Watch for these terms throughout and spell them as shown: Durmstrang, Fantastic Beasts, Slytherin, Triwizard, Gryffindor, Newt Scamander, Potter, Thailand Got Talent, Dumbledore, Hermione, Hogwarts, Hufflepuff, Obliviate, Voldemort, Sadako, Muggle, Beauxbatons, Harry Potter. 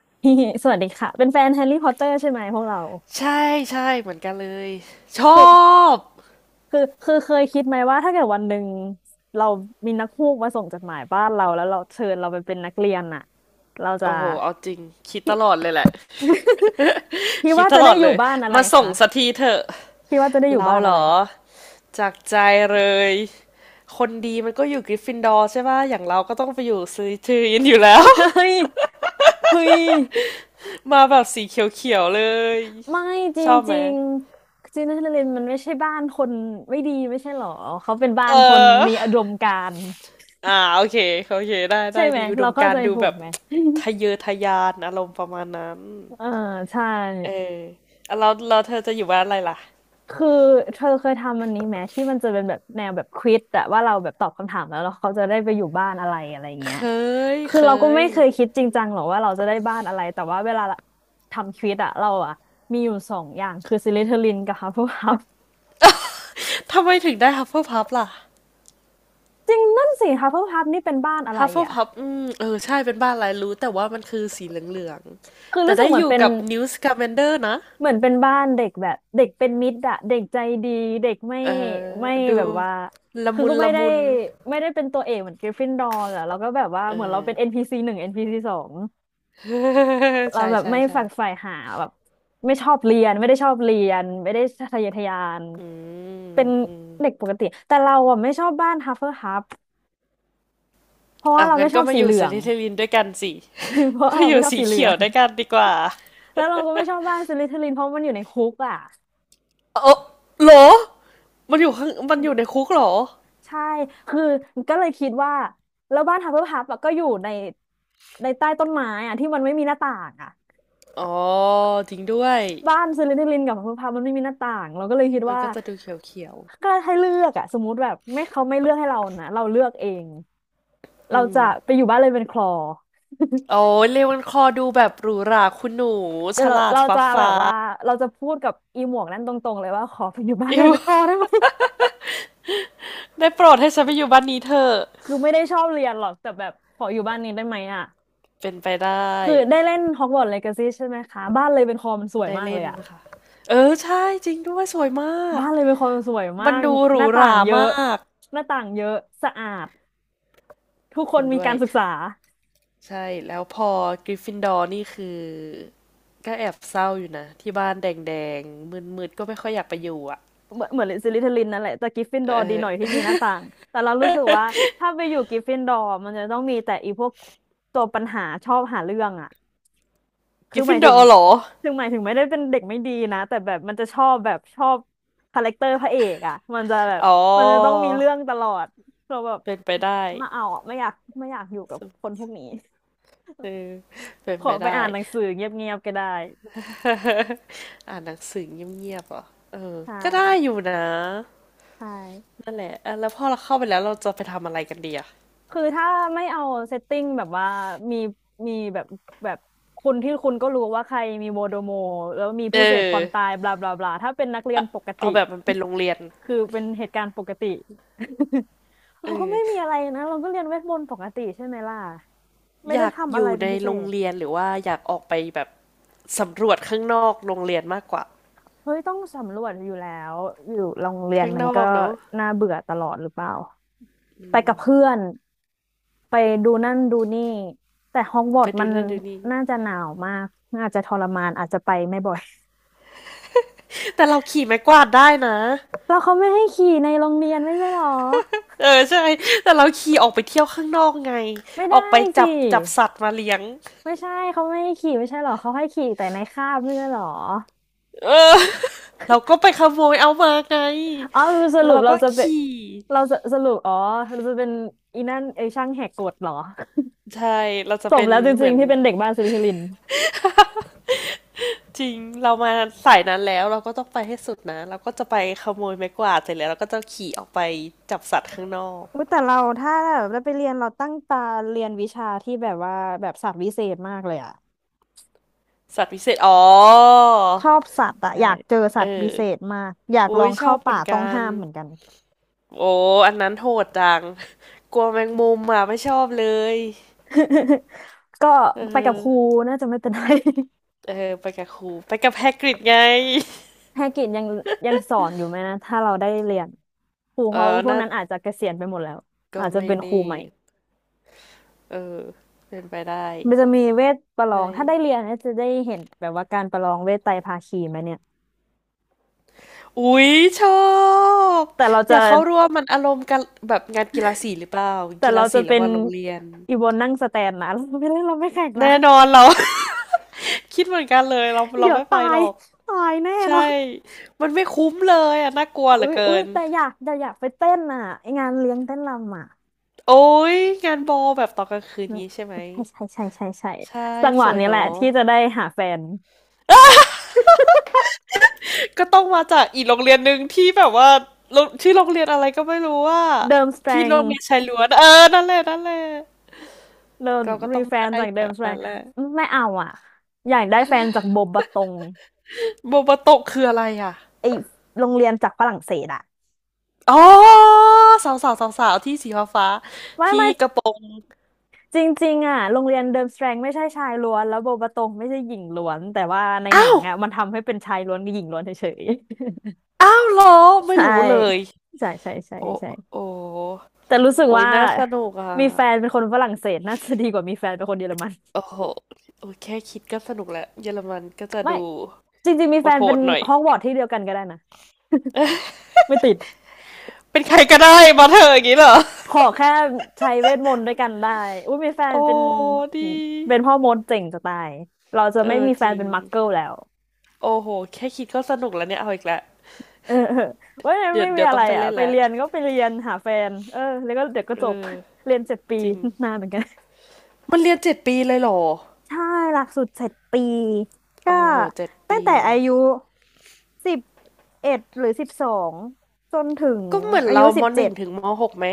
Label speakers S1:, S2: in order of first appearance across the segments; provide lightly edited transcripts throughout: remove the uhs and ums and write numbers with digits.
S1: พี่สวัสดีค่ะเป็นแฟนแฮร์รี่พอตเตอร์ใช่ไหมพวกเรา
S2: ใช่ใช่เหมือนกันเลยชอ
S1: คือ
S2: บ
S1: คือเคยคิดไหมว่าถ้าเกิดวันหนึ่งเรามีนักพูกมาส่งจดหมายบ้านเราแล้วเราเชิญเราไปเป็นนักเรียนน่ะเราจะ
S2: โอ้โหเอาจริงคิดต
S1: พี่
S2: ลอ ดเลยแหละ
S1: พี่
S2: คิด
S1: ว่า
S2: ต
S1: จะ
S2: ล
S1: ได้
S2: อด
S1: อยู่
S2: เลย
S1: บ้านอะไร
S2: มาส่ง
S1: คะ
S2: สักทีเถอะ
S1: พี่ว่าจะได้อยู่
S2: เรา
S1: บ้าน
S2: เหร
S1: อะไร
S2: อจากใจเลยคนดีมันก็อยู่กริฟฟินดอร์ใช่ป่ะอย่างเราก็ต้องไปอยู่ซื้ธทือินอยู่แล้ว
S1: เฮ้ ยเฮ้ย
S2: มาแบบสีเขียวๆเลย
S1: ไม่จ
S2: ชอบไหม
S1: ริงๆจีนนเรนมันไม่ใช่บ้านคนไม่ดีไม่ใช่หรอเขาเป็นบ้า
S2: เอ
S1: นคนมีอุ
S2: อ
S1: ดมการณ์
S2: โอเคโอเคได้
S1: ใช่
S2: ได้
S1: ไหม
S2: มีอุด
S1: เรา
S2: ม
S1: เข้า
S2: การ
S1: ใจ
S2: ณ์ดู
S1: ถู
S2: แบ
S1: ก
S2: บ
S1: ไหม
S2: ทะเยอทะยานอารมณ์ประมาณนั้น
S1: เออใช่
S2: เออแล้วเราเธอจะอยู่บ้านอะไรล่ะ
S1: คือเธอเคยทำอันนี้ไหมที่มันจะเป็นแบบแนวแบบควิซอะว่าเราแบบตอบคำถามแล้วเราเขาจะได้ไปอยู่บ้านอะไรอะไรเงี้
S2: เค
S1: ย
S2: ย
S1: คือ
S2: เค
S1: เราก็
S2: ย
S1: ไม่เคยคิดจริงจังหรอกว่าเราจะได้บ้านอะไรแต่ว่าเวลาทำควิซอะเราอะมีอยู่สองอย่างคือซิลิเทอรินกับฮัฟเฟิลพัฟ
S2: ทำไมถึงได้ฮัฟเฟิลพับล่ะ
S1: จริงนั่นสิฮัฟเฟิลพัฟนี่เป็นบ้านอะไร
S2: ฮัฟเฟิล
S1: อะ
S2: พับเออใช่เป็นบ้านลายรู้แต่ว่ามันคือสีเหลือง
S1: คือ
S2: ๆแต่
S1: รู้สึ
S2: ได้
S1: กเหมื
S2: อ
S1: อน
S2: ยู่
S1: เป็น
S2: กับนิวสกาแมนเดอร์นะ
S1: เหมือนเป็นบ้านเด็กแบบเด็กเป็นมิตรอะเด็กใจดีเด็กไม่
S2: เออ
S1: ไม่
S2: ดู
S1: แบบว่า
S2: ละ
S1: คือ
S2: มุน
S1: ก็ไม่
S2: ละ
S1: ได้
S2: มุน
S1: ไม่ได้เป็นตัวเอกเหมือนกริฟฟินดอร์อะเราก็แบบว่า
S2: เอ
S1: เหมือนเรา
S2: อ
S1: เป็นเอ็นพีซ c หนึ่งเอ็นพีซ c สอง เรา
S2: ใช่
S1: แบบ
S2: ใช่
S1: ไม่
S2: ใช่
S1: ฝักใฝ่หาแบบไม่ชอบเรียนไม่ได้ชอบเรียนไม่ได้ทะเยอทะยาน
S2: อื
S1: เป็น
S2: ม
S1: เด็กปกติแต่เราอะไม่ชอบบ้านฮัฟเฟิลพัฟเพราะว่า
S2: อ่ะ
S1: เรา
S2: งั้
S1: ไม่
S2: น
S1: ช
S2: ก็
S1: อบ
S2: มา
S1: สี
S2: อ
S1: เห
S2: ยู่
S1: ลื
S2: สซ
S1: อง
S2: ริเทลินด้วยกันสิ
S1: เพราะ ว่า
S2: มา
S1: เรา
S2: อ
S1: ไม่
S2: ยู่
S1: ชอบ
S2: สี
S1: สีเหลื
S2: เขี
S1: อ
S2: ยว
S1: ง
S2: ด้วยกันดีกว่า
S1: แล้วเราก็ไม่ชอบบ้านสลิธีรินเพราะมันอยู่ในคุกอะ
S2: เออเหรอมันอยู่ข้างมันอยู่ในคุกเหรอ
S1: ใช่ คือก็เลยคิดว่าแล้วบ้านฮับเบิลฮับอะก็อยู่ในใต้ต้นไม้อะที่มันไม่มีหน้าต่างอะ
S2: อ๋อจริงด้วย
S1: บ้านซิลิทิลินกับฮับเบิลฮับมันไม่มีหน้าต่าง เราก็เลยคิด
S2: มัน
S1: ว่า
S2: ก็จะดูเขียวเขียว
S1: ก็ให้เลือกอะสมมุติแบบไม่เขาไม่เลือกให้เรานะเราเลือกเอง เราจะไปอยู่บ้านเลยเป็นคลอ
S2: โอ้ยเรวันคอดูแบบหรูหราคุณหนู
S1: เดี๋
S2: ฉ
S1: ยวเรา
S2: ลาด
S1: เรา
S2: ฟ้า
S1: จะแบ
S2: ฟ้า
S1: บว่าเราจะพูดกับอีหมวกนั้นตรงๆเลยว่าขอไปอยู่บ้านเล
S2: อิ
S1: ย
S2: ว
S1: เป็น คลอได้ไหม
S2: ได้โปรดให้ฉันไปอยู่บ้านนี้เถอะ
S1: คือไม่ได้ชอบเรียนหรอกแต่แบบขออยู่บ้านนี้ได้ไหมอะ
S2: เป็นไปได้
S1: คือได้เล่นฮอกวอตส์เลกาซี่ใช่ไหมคะบ้านเลยเป็นคลอมันสวย
S2: ได้
S1: มากเล
S2: เล่
S1: ย
S2: น
S1: อะ
S2: ค่ะเออใช่จริงด้วยสวยมาก
S1: บ้านเลยเป็นคนสวยมา
S2: มัน
S1: ก
S2: ดูห
S1: ห
S2: รู
S1: น้า
S2: ห
S1: ต่าง
S2: รา
S1: เย
S2: ม
S1: อะ
S2: าก
S1: หน้าต่างเยอะสะอาดทุกคน
S2: เห็น
S1: มี
S2: ด้ว
S1: กา
S2: ย
S1: รศึกษา
S2: ใช่แล้วพอกริฟฟินดอร์นี่คือก็แอบเศร้าอยู่นะที่บ้านแดงๆมืดๆก็ไม่ค่อยอยากไปอยู่อ่ะ
S1: เหมือนซิลิทลินนั่นแหละแต่กริฟฟิน
S2: เ
S1: ดอร์ดีหน่อยที่
S2: ออ
S1: มีหน้าต่างแต่เรารู้สึกว่าถ้าไปอยู่กริฟฟินดอร์มันจะต้องมีแต่อีพวกตัวปัญหาชอบหาเรื่องอ่ะ
S2: ก
S1: คื
S2: ริ
S1: อ
S2: ฟ
S1: ห
S2: ฟิ
S1: มา
S2: น
S1: ย
S2: ด
S1: ถึ
S2: อ
S1: ง
S2: ร์เหรอ
S1: ถึงหมายถึงไม่ได้เป็นเด็กไม่ดีนะแต่แบบมันจะชอบคาแรคเตอร์พระเอกอ่ะมันจะแบบ
S2: อ๋อ
S1: มันจะต้องมีเรื่องตลอดเราแบบ
S2: เป็นไปได้
S1: ไมาเอาอะไม่อยากอยู่กับคนพวกนี้
S2: เออเป็น
S1: ขอ
S2: ไป
S1: ไป
S2: ได้
S1: อ่านหนังสือเงียบๆก็ได้
S2: อ่านหนังสือเงียบๆเหรอเออ
S1: ใช่
S2: ก็ได้อยู่นะ
S1: ใช่
S2: นั่นแหละอ่ะแล้วพอเราเข้าไปแล้วเราจะไปทำอะไรกันดีอะ
S1: คือถ้าไม่เอาเซตติ้งแบบว่ามีมีแบบคุณที่คุณก็รู้ว่าใครมีโมโดโมแล้วมี
S2: เอ
S1: ผู้เสพค
S2: อ
S1: วามตายบลาบลาบลาถ้าเป็นนักเรียนปกติ
S2: เอาแบบมันเป็นโรงเรียน
S1: คือเป็นเหตุการณ์ปกติ เรา
S2: เอ
S1: ก็
S2: อ
S1: ไม่มีอะไรนะเราก็เรียนเวทมนต์ปกติใช่ไหมล่ะไม่
S2: อ
S1: ได้
S2: ยาก
S1: ทำ
S2: อ
S1: อะไร
S2: ยู่
S1: เป็
S2: ใน
S1: นพิเศ
S2: โรง
S1: ษ
S2: เรียนหรือว่าอยากออกไปแบบสำรวจข้างนอกโรงเรียนมากกว่า
S1: เฮ้ยต้องสำรวจอยู่แล้วอยู่โรงเรียน
S2: ข้าง
S1: มั
S2: น
S1: น
S2: อ
S1: ก็
S2: กเนาะ
S1: น่าเบื่อตลอดหรือเปล่าไปกับเพื่อน ไปดูนั่นดูนี่แต่ฮอกวอ
S2: ไป
S1: ตส์มั
S2: ดู
S1: น
S2: นั่นดูนี่
S1: น่าจะหนาวมากอาจจะทรมานอาจจะไปไม่บ่อย
S2: แต่เราขี่ไม้กวาดได้นะ
S1: แล้วเขาไม่ให้ขี่ในโรงเรียนไม่ใช่หรอ
S2: เออใช่แต่เราขี่ออกไปเที่ยวข้างนอกไง
S1: ไม่
S2: อ
S1: ได้
S2: อกไป
S1: สิ
S2: จับสัตว์มาเลี้ยง
S1: ไม่ใช่เขาไม่ให้ขี่ไม่ใช่หรอเขาให้ขี่แต่ในคาบไม่ใช่หรอ
S2: เราก็ไปขโมยเอามาไง
S1: อ๋อส
S2: แล้
S1: รุ
S2: ว
S1: ป
S2: เรา
S1: เรา
S2: ก็
S1: จะเป็น
S2: ขี่
S1: เราจะสรุปอ๋อเราจะเป็นอีนั่นไอช่างแหกกฎเหรอ
S2: ใช่เราจะ
S1: สม
S2: เป็น
S1: แล้วจ
S2: เห
S1: ริ
S2: มื
S1: ง
S2: อน
S1: ๆที่เป็นเด็กบ้านสิลิคิลิน
S2: จริงเรามาสายนั้นแล้วเราก็ต้องไปให้สุดนะ เราก็จะไปขโมยไม้กวาดเสร็จแล้วเราก็จะขี่ออกไปจับสัตว์ข้างนอก
S1: อุ๊ยแต่เราถ้าแบบได้ไปเรียนเราตั้งตาเรียนวิชาที่แบบว่าแบบศาสตร์วิเศษมากเลยอะ
S2: สัตว์พิเศษอ๋อ
S1: ชอบสัตว์อะอ
S2: ใช่
S1: ยากเจอสั
S2: เอ
S1: ตว์วิ
S2: อ
S1: เศษมากอยากล
S2: อุ้
S1: อ
S2: ย
S1: ง
S2: ชอ
S1: เข้า
S2: บเหมื
S1: ป่า
S2: อน
S1: ต้อง
S2: กัน
S1: ห้ามเหมือนกัน
S2: โอ้อันนั้นโหดจังกลัวแมงมุมอ่ะไม่ชอบเลย
S1: ก็
S2: เอ
S1: ไปกับครู
S2: อ
S1: น่าจะไม่เป็นไร
S2: เออไปกับครูไปกับแฮกริดไง
S1: ภาคกิจยังสอนอยู่ไหมนะถ้าเราได้เรียนครู
S2: เอ
S1: เขา
S2: อ
S1: พวก
S2: น่า
S1: นั้นอาจจะเกษียณไปหมดแล้ว
S2: ก็
S1: อาจจะ
S2: ไม่
S1: เป็นครู
S2: แน่
S1: ใหม่
S2: เออเป็นไปได้
S1: มันจะมีเวทประลอง
S2: ใช่
S1: ถ้าได้เรียนเนี่ยจะได้เห็นแบบว่าการประลองเวทไตรภาคีไหมเนี่ย
S2: อุ๊ยชอบ
S1: แต่เรา
S2: อ
S1: จะ
S2: ยากเข้าร่วมมันอารมณ์กันแบบงานกีฬาสีหรือเปล่า
S1: แต่
S2: กี
S1: เรา
S2: ฬา
S1: จะ
S2: สี
S1: เป็
S2: ระห
S1: น
S2: ว่างโรงเรียน
S1: อีวอนนั่งสแตนนะ เราไม่ได้เราไม่แข่งนะ
S2: แน่นอนเรา คิดเหมือนกันเลยเรา
S1: เดี๋ยว
S2: ไม่ไป
S1: ตา
S2: หร
S1: ย
S2: อก
S1: ตายแน่
S2: ใช่
S1: เนาะ
S2: มันไม่คุ้มเลยอ่ะน่ากลัวเหลื
S1: อุ้
S2: อ
S1: ย
S2: เกิ
S1: อุ้ย
S2: น
S1: แต่อยากไปเต้นอ่ะไองานเลี้ยงเต้นรำอ่ะ
S2: โอ๊ยงานบอลแบบตอนกลางคืน
S1: อืม
S2: งี้ใช่ไหม
S1: ใช่ใช่ใช่ใช่ใช่
S2: ใช่
S1: จังห
S2: ส
S1: วะ
S2: วย
S1: นี้แหละ
S2: เนาะ
S1: ที่จะได้หาแฟน
S2: ก็ต้องมาจากอีกโรงเรียนหนึ่งที่แบบว่าโรงชื่อโรงเรียนอะไรก็ไม่รู้ว่า
S1: เดิมสแตร
S2: ที่
S1: ง
S2: โรงเรียนชายล้วนเออนั่นแหละนั่นแหละ
S1: เรา
S2: เราก็
S1: มี
S2: ต้อง
S1: แฟ
S2: ได้
S1: นจากเดิ
S2: จา
S1: ม
S2: ก
S1: ส
S2: อัน
S1: แตร
S2: นั้
S1: ง
S2: นแหละ
S1: ไม่เอาอ่ะอยากได้แฟนจากโบบะตง
S2: โบโบโตะคืออะไรอ่ะ
S1: ไอโรงเรียนจากฝรั่งเศสอ่ะ
S2: อ๋อสาวสาวสาวสาวๆที่สีฟ้าฟ้า
S1: ไม่
S2: ที่
S1: ไม่
S2: กระโปรง
S1: จริงๆอ่ะโรงเรียนเดิมสแตรงไม่ใช่ชายล้วนแล้วโบบะตงไม่ใช่หญิงล้วนแต่ว่าในหนั
S2: อ้า
S1: ง
S2: ว
S1: อ่ะมันทำให้เป็นชายล้วนกับหญิงล้วนเฉย
S2: อ้าวเหรอ
S1: ๆ
S2: ไม่
S1: ใช่
S2: รู้เลย
S1: ใช่ใช่ใช่
S2: โอ้
S1: ใช่
S2: โอ้
S1: แต่รู้สึก
S2: โอ้ย
S1: ว่า
S2: น่าสนุกอ่ะ
S1: มีแฟนเป็นคนฝรั่งเศสน่าจะดีกว่ามีแฟนเป็นคนเยอรมัน
S2: โอ้โหโอ้ยแค่คิดก็สนุกแล้วเยอรมันก็จะ
S1: ไม่
S2: ดู
S1: จริงๆมีแฟน
S2: โห
S1: เป็
S2: ด
S1: น
S2: ๆหน่อย
S1: ฮอกวอตส์ที่เดียวกันก็ได้นะไม่ติด
S2: เป็นใครก็ได้มาเถอะอย่างนี้เหรอ
S1: ขอแค่ใช้เวทมนต์ด้วยกันได้อุ้ยมีแฟน
S2: โอ้
S1: เป็น
S2: ดี
S1: เป็นพ่อมดเจ๋งจะตายเราจะ
S2: เอ
S1: ไม่
S2: อ
S1: มีแฟ
S2: จ
S1: น
S2: ริง
S1: เป็นมักเกิลแล้ว
S2: โอ้โหแค่คิดก็สนุกแล้วเนี่ยเอาอีกแล้ว
S1: เออเออเว่า
S2: เดี๋ยว
S1: ไม่มี
S2: เดี๋ยว
S1: อะ
S2: ต้
S1: ไร
S2: องไป
S1: อ่ะ
S2: เล่น
S1: ไป
S2: แล้ว
S1: เรียนก็ไปเรียนหาแฟนเออแล้วก็เดี๋ยวก็
S2: เอ
S1: จบ
S2: อ
S1: เรียนเจ็ดปี
S2: จริง
S1: นานเหมือนกัน
S2: มันเรียนเจ็ดปีเลยเหรอ
S1: ใช่หลักสูตร7 ปีก็
S2: โอ้โหเจ็ด
S1: ตั้ง
S2: ปี
S1: แต่อายุ11 หรือ 12จนถึง
S2: ก็เหมือน
S1: อายุ
S2: เรา
S1: สิ
S2: ม
S1: บ
S2: ห
S1: เจ็
S2: นึ่
S1: ด
S2: งถึงมหกไหม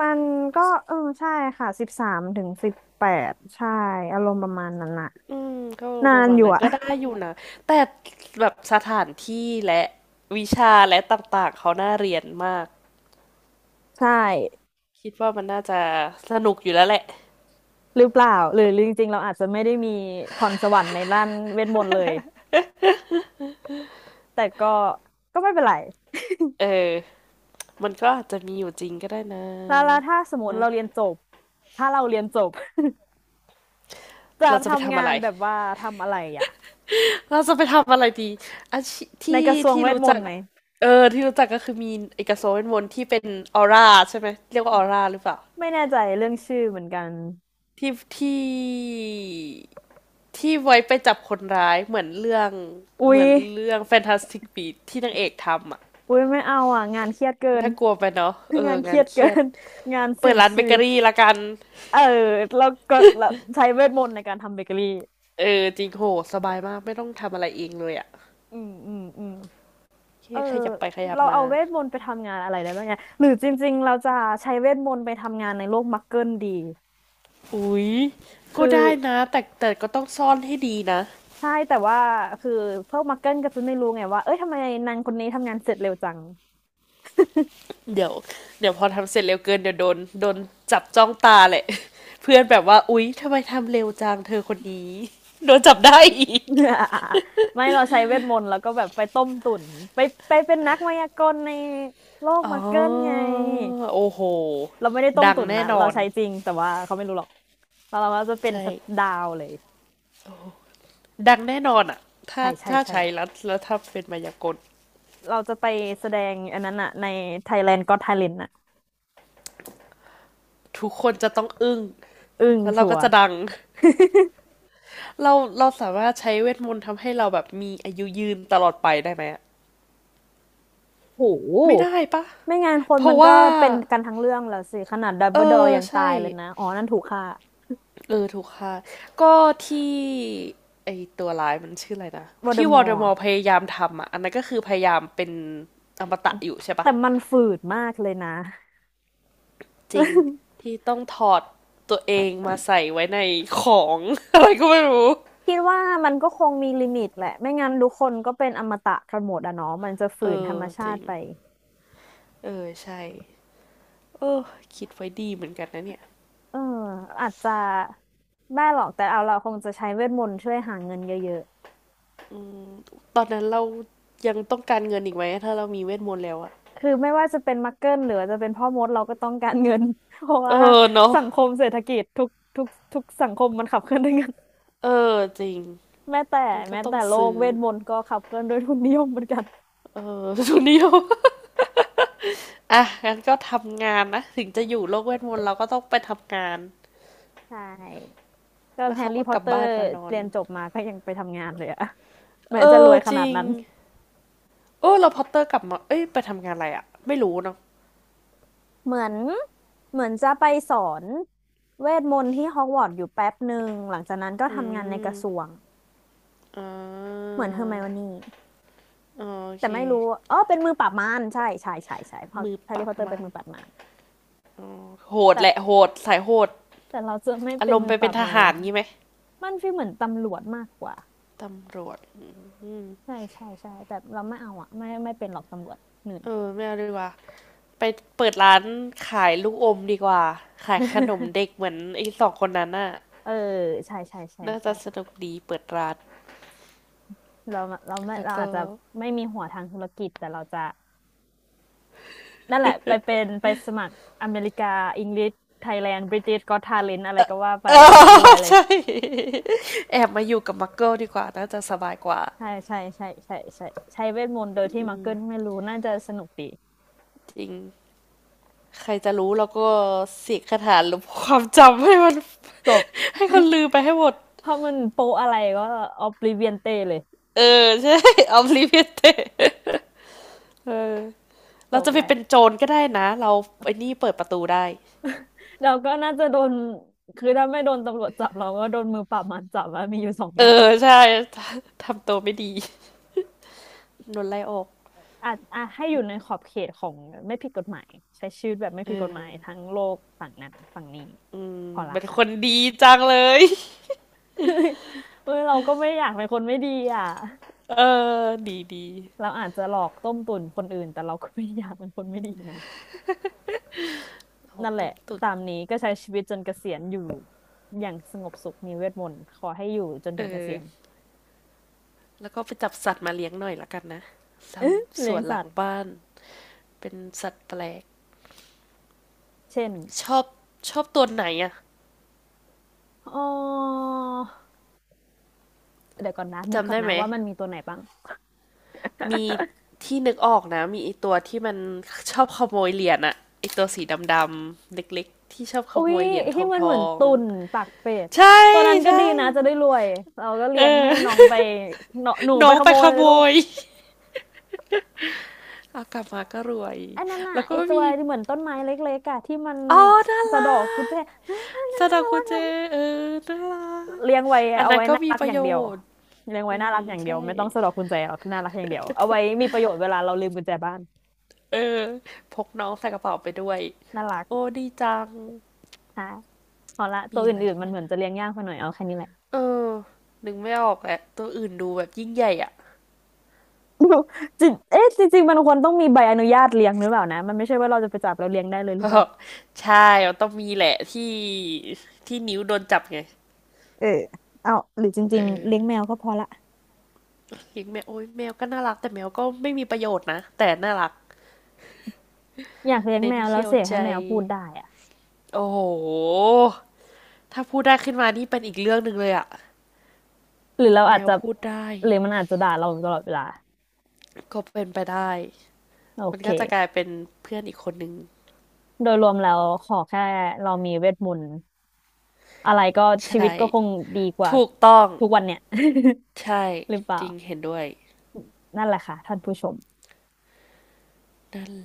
S1: มันก็เออใช่ค่ะ13 ถึง 18ใช่อารมณ์ประมาณนั้นน่ะ
S2: อืม ก็
S1: นา
S2: ประ
S1: น
S2: มาณ
S1: อยู่
S2: นั้น
S1: อะ
S2: ก็ ได้อยู่นะ แต่แบบสถานที่และวิชาและต่างๆ เขาน่าเรียนมาก
S1: ใช่
S2: คิดว่ามันน่าจะสนุกอยู่แล้วแหละ
S1: หรือเปล่าหรือจริงๆเราอาจจะไม่ได้มีพรสวรรค์ในด้านเวทมนต์เลยแต่ก็ไม่เป็นไร
S2: เออ มันก็อาจจะมีอยู่จริงก็ได้นะ
S1: แล้วถ้าสมมติเราเรียนจบถ้าเราเรียนจบ จะ
S2: เราจะไป
S1: ทำ
S2: ทำอะ
S1: งา
S2: ไร
S1: นแบบว่าทำอะไรอ่ะ
S2: เราจะไปทำอะไรดีอาชี
S1: ใน
S2: ที่
S1: กระทรวงเวท
S2: รู้
S1: มน
S2: จัก
S1: ต์ไหม
S2: เออ ที่รู้จักก็คือมีเอกโซเวนวนที่เป็นออร่าใช่ไหม เรียกว่าออร่าหรือเปล่า
S1: ไม่แน่ใจเรื่องชื่อเหมือนกัน
S2: ที่ที่ ที่ไว้ไปจับคนร้าย
S1: อุ๊
S2: เห
S1: ย
S2: มือนเรื่อง Fantastic Beasts ที่นางเอกทำอ่ะ
S1: อุ๊ยไม่เอาอ่ะงานเครียดเกิน
S2: น่ากลัวไปเนาะเอ
S1: งา
S2: อ
S1: นเค
S2: งา
S1: รี
S2: น
S1: ยด
S2: เค
S1: เกิ
S2: รียด
S1: น งาน
S2: เปิ
S1: เสี่ย
S2: ด
S1: ง
S2: ร้านเบ
S1: ชี
S2: เก
S1: วิ
S2: อ
S1: ต
S2: รี่ละกัน
S1: เออแล้วก็แล้วใช้เวทมนต์ในการทำเบเกอรี่
S2: เออจริงโหสบายมากไม่ต้องทำอะไรเองเลยอ่ะ
S1: อืมอืมอืม
S2: โอเค
S1: เออ
S2: ขยับไปขยับ
S1: เรา
S2: มา
S1: เอาเวทมนต์ไปทำงานอะไรได้บ้างเนี่ยหรือจริงๆเราจะใช้เวทมนต์ไปทำงานในโลกมักเกิลดี
S2: อุ๊ยก็
S1: คือ
S2: ได้นะแต่ก็ต้องซ่อนให้ดีนะ
S1: ใช่แต่ว่าคือพวกมักเกิลก็จะไม่รู้ไงว่าเอ้ยทำไมนางคนนี้ทำงานเสร็จเร็วจัง
S2: เดี๋ยวเดี๋ยวพอทำเสร็จเร็วเกินเดี๋ยวโดนจับจ้องตาแหละ เพื่อนแบบว่าอุ๊ยทำไมทำเร็วจังเธอคนนี้โดนจับได้อีก
S1: ไม่เราใช้เวทมนต์แล้วก็แบบไปต้มตุ๋นไปไปเป็นนักมายากลในโลก
S2: อ๋
S1: มาเกิลไง
S2: อโอ้โห
S1: เราไม่ได้ต้ม
S2: ดัง
S1: ตุ๋น
S2: แน่
S1: นะ
S2: น
S1: เรา
S2: อน
S1: ใช้จริงแต่ว่าเขาไม่รู้หรอกแล้วเราก็จะเป็น
S2: ใช่
S1: สตว์ดาวเลย
S2: ดังแน่นอนอ่ะถ้า
S1: ใช่ใช่
S2: ถ้า
S1: ใช่
S2: ใช้แล้วถ้าเป็นมายากล
S1: เราจะไปแสดงอันนั้นอะใน Thailand Got Talent อะ
S2: ทุกคนจะต้องอึ้ง
S1: อึ้ง
S2: แล้วเรา
S1: ชั
S2: ก็
S1: วร์
S2: จะดังเราเราสามารถใช้เวทมนต์ทำให้เราแบบมีอายุยืนตลอดไปได้ไหมอะ
S1: โห
S2: ไม่ได้ปะ
S1: ไม่งั้นคน
S2: เพ
S1: มั
S2: ราะ
S1: นก็
S2: ว่า
S1: เป็นกันทั้งเรื่องแล้วสิขนาดดัม
S2: เอ
S1: เบิลดอร์
S2: อ
S1: ยังตา
S2: ใช่
S1: ยเลยนะอ๋อนั่นถูกฆ่า
S2: เออถูกค่ะก็ที่ไอตัวร้ายมันชื่ออะไรนะ
S1: วอลเดอ
S2: ที่ว
S1: ม
S2: อล
S1: อ
S2: เดอ
S1: ร์
S2: มอร์พยายามทำอ่ะอันนั้นก็คือพยายามเป็นอมตะอยู่ใช่ปะ
S1: แต่มันฝืดมากเลยนะ
S2: จริง ที่ต้องถอดตัวเองมาใส่ไว้ในของ อะไรก็ไม่รู้
S1: คิดว่ามันก็คงมีลิมิตแหละไม่งั้นทุกคนก็เป็นอมตะกันหมดอะเนาะมันจะฝื
S2: เอ
S1: นธร
S2: อ
S1: รมชา
S2: จริ
S1: ติ
S2: ง
S1: ไป
S2: เออใช่เออคิดไว้ดีเหมือนกันนะเนี่ย
S1: เอออาจจะไม่หรอกแต่เอาเราคงจะใช้เวทมนต์ช่วยหาเงินเยอะ
S2: ตอนนั้นเรายังต้องการเงินอีกไหมถ้าเรามีเวทมนต์แล้วอะ
S1: ๆคือไม่ว่าจะเป็นมักเกิลหรือว่าจะเป็นพ่อมดเราก็ต้องการเงิน เพราะ
S2: เอ
S1: ว่า
S2: อเนาะ
S1: สังคมเศรษฐกิจทุกสังคมมันขับเคลื่อนด้วยเงิน
S2: เออจริง
S1: แม้แต่
S2: มันก็
S1: แม้
S2: ต้อ
S1: แต่
S2: ง
S1: โลก
S2: ซื้อ
S1: เวทมนต์ก็ขับเคลื่อนด้วยทุนนิยมเหมือนกัน
S2: เออ ทุนเดียวอ่ะงั้นก็ทำงานนะถึงจะอยู่โลกเวทมนต์เราก็ต้องไปทำงาน
S1: ใช่ก็
S2: แล้ว
S1: แฮ
S2: เขา
S1: ร์รี่
S2: ก็
S1: พอ
S2: ก
S1: ต
S2: ลั
S1: เต
S2: บ
S1: อ
S2: บ้า
S1: ร์
S2: นมานอน
S1: เรียนจบมาก็ยังไปทำงานเลยอะแม้
S2: เอ
S1: จะร
S2: อ
S1: วยข
S2: จ
S1: นา
S2: ริ
S1: ด
S2: ง
S1: นั้น
S2: เออเราพอตเตอร์กลับมาเอ้ยไปทำงานอะไรอะไม่รู้เนาะ
S1: เหมือนเหมือนจะไปสอนเวทมนต์ที่ฮอกวอตส์อยู่แป๊บหนึ่งหลังจากนั้นก็
S2: อื
S1: ทำงานในก
S2: ม
S1: ระทรวง
S2: อ่
S1: เห
S2: า
S1: มือนเฮอร์ไมโอนี่
S2: อ๋อโอ
S1: แต่
S2: เค
S1: ไม่รู้อ๋อเป็นมือปราบมารใช่ใช่ใช่ใช่เพราะ
S2: มือ
S1: แฮ
S2: ป
S1: ร์
S2: รั
S1: รี่พ
S2: บ
S1: อตเตอร์เป็
S2: มั
S1: น
S2: น
S1: มือปราบมาร
S2: โหด
S1: แต่
S2: แหละโหดสายโหด
S1: แต่เราจะไม่
S2: อา
S1: เป็
S2: ร
S1: น
S2: ม
S1: มื
S2: ณ์
S1: อ
S2: ไป
S1: ปรา
S2: เป็น
S1: บ
S2: ท
S1: มารหร
S2: หา
S1: อ
S2: ร
S1: ก
S2: งี้ไหม
S1: มันฟีลเหมือนตำรวจมากกว่า
S2: ตำรวจ
S1: ใช่ใช่ใช่แต่เราไม่เอาอะไม่ไม่เป็นหรอกตำรวจเหนื่อย
S2: เออไม่เอาดีกว่าไปเปิดร้านขายลูกอมดีกว่า ขายขนมเด็ก เหมือนไอ้สองคนนั้นน่ะ
S1: เออใช่ใช่ใช่
S2: น่าจะ
S1: ใช่
S2: สนุกดีเปิดร้าน
S1: เราเราไม่
S2: แล้ว
S1: เราอา
S2: ก็
S1: จจะไม่มีหัวทางธุรกิจแต่เราจะ นั่นแหละไปเป็นไปสมัครอเมริกาอังกฤษไทยแลนด์บริติชก็อตทาเลนต์อะไรก็ว่าไป
S2: เอ
S1: แล้วเดี๋ยวรว
S2: อ
S1: ยเลย
S2: ใช่แอบมาอยู่กับมักเกิลดีกว่าน่าจะสบายกว่า
S1: ใช่ใช่ใช่ใช่ใช่ใช้เวทมนต์โดยที่มังเกิลไม่รู้น่าจะสนุกดี
S2: จริงใครจะรู้แล้วก็เสกคาถาลบความจำให้มัน
S1: จบ
S2: ให้คนลืมไปให้หมด
S1: เพราะมันโปอะไรก็ออบลิเวียนเตเลย
S2: เออใช่ออฟลิเวียเตเออ
S1: จ
S2: เรา
S1: บ
S2: จะไป
S1: แหละ
S2: เป็นโจรก็ได้นะเราไอ้นี่เปิดประตูได้
S1: เราก็น่าจะโดนคือถ้าไม่โดนตำรวจจับเราก็โดนมือปราบมันจับว่ามีอยู่สอง
S2: เอ
S1: อ
S2: อ
S1: ย่าง
S2: ใช่ทำตัวไม่ดีโดนไล่ออก
S1: อ่ะอ่ะให้อยู่ในขอบเขตของไม่ผิดกฎหมายใช้ชีวิตแบบไม่
S2: เอ
S1: ผิดกฎหมาย
S2: อ
S1: ทั้งโลกฝั่งนั้นฝั่งนี้
S2: อืม
S1: พอละ
S2: เป็นค
S1: ค่ะ
S2: นดีจังเลย
S1: เอ้ยเราก็ไม่อยากเป็นคนไม่ดีอ่ะ
S2: เออดี
S1: เราอาจจะหลอกต้มตุ๋นคนอื่นแต่เราก็ไม่อยากเป็นคนไม่ดีนะ
S2: เอา
S1: นั่นแห
S2: ต้
S1: ละ
S2: มตุ๋น
S1: ตามนี้ก็ใช้ชีวิตจนเกษียณอยู่อย่างสงบสุขมีเวทมนต์ขอให้อยู่จน
S2: เอ
S1: ถึงเก
S2: อ
S1: ษียณ
S2: แล้วก็ไปจับสัตว์มาเลี้ยงหน่อยละกันนะท
S1: เอ๊ะ
S2: ำส
S1: เลี้ย
S2: ว
S1: ง
S2: นห
S1: สั
S2: ลั
S1: ต
S2: ง
S1: ว์
S2: บ้านเป็นสัตว์แปลก
S1: เช่น
S2: ชอบชอบตัวไหนอะ
S1: อ๋อเดี๋ยวก่อนนะนึก
S2: จำ
S1: ก่อน
S2: ได้
S1: นะ
S2: ไหม
S1: ว่ามันมีตัวไหนบ้าง
S2: มีที่นึกออกนะมีไอตัวที่มันชอบขโมยเหรียญอะไอตัวสีดำๆเล็กๆที่ชอบข
S1: อุ้
S2: โม
S1: ย
S2: ยเหรียญ
S1: ไอ้
S2: ท
S1: ที่มันเหมือ
S2: อ
S1: น
S2: ง
S1: ตุ่นปากเป็ด
S2: ๆใช่
S1: ตัวนั้นก็ดี
S2: ใช่
S1: นะจะได้รวยเราก็
S2: เอ
S1: เลี้ยงให้น้อ
S2: อ
S1: ง ไปเนาะหนู
S2: น้
S1: ไป
S2: อง
S1: ข
S2: ไป
S1: โม
S2: ข
S1: ยเล
S2: โม
S1: ยลูก
S2: ยเอากลับมาก็รวย
S1: ไอ้นั่นน่ะ
S2: แล้วก็
S1: ไอ้ตัว
S2: มี
S1: ที่เหมือนต้นไม้เล็กๆอะที่มัน
S2: อ๋อน่า
S1: สะ
S2: รั
S1: ดอกกุญแจ
S2: ก
S1: น่ารักน่า
S2: ซา
S1: รัก
S2: ดา
S1: น่า
S2: คุเจ
S1: รัก
S2: เออน่ารัก
S1: เลี้ยงไว้
S2: อัน
S1: เอา
S2: นั้น
S1: ไว้
S2: ก็
S1: น่า
S2: มี
S1: รัก
S2: ประ
S1: อย่าง
S2: โย
S1: เดียว
S2: ชน์
S1: เลี้ยงไว้
S2: อื
S1: น่ารัก
S2: ม
S1: อย่างเดี
S2: ใช่
S1: ยวไม่ต้องสะดอกกุญแจหรอกน่ารักอย่างเดียวเอาไว้มีประโยชน์เวลาเราลืมกุญแจบ้าน
S2: เออพกน้องใส่กระเป๋าไปด้วย
S1: น่ารัก
S2: โอ้ดีจัง
S1: ค่ะพอละตั
S2: มี
S1: ว
S2: อะไร
S1: อื่น
S2: อีก
S1: ๆมั
S2: ไห
S1: น
S2: ม
S1: เหมือนจะเลี้ยงยากไปหน่อยเอาแค่นี้แหละ
S2: เออนึกไม่ออกแหละตัวอื่นดูแบบยิ่งใหญ่อ่ะ
S1: จริงเอ๊ะจริงๆมันควรต้องมีใบอนุญาตเลี้ยงหรือเปล่านะมันไม่ใช่ว่าเราจะไปจับแล้วเลี้ยงได้เลยหรือเปล่า
S2: ใช่มันต้องมีแหละที่นิ้วโดนจับไง
S1: เออเอาหรือจ
S2: เอ
S1: ริง
S2: อ
S1: ๆเลี้ยงแมวก็พอละ
S2: ีงแมวโอ้ยแมวก็น่ารักแต่แมวก็ไม่มีประโยชน์นะแต่น่ารัก
S1: อยากเลี้ยง
S2: เน้
S1: แม
S2: น
S1: วแล้ว
S2: เที่ยว
S1: เสก
S2: ใจ
S1: ให้แมวพูดได้อะ
S2: โอ้โหถ้าพูดได้ขึ้นมานี่เป็นอีกเรื่องหนึ่งเลยอะ
S1: หรือเรา
S2: แม
S1: อาจ
S2: ว
S1: จะ
S2: พูดได้
S1: หรือมันอาจจะด่าเราอยู่ตลอดเวลา
S2: ก็เป็นไปได้
S1: โอ
S2: มัน
S1: เค
S2: ก็จะกลายเป็นเพื่อนอีกคนหนึ่ง
S1: โดยรวมแล้วขอแค่เรามีเวทมนต์อะไรก็ชีวิต
S2: ใช่
S1: ก็คงดีกว่า
S2: ถูกต้อง
S1: ทุกวันเนี่ย
S2: ใช่
S1: หรือเปล่า
S2: จริงเห็นด้วย
S1: นั่นแหละค่ะท่านผู้ชม
S2: นั่น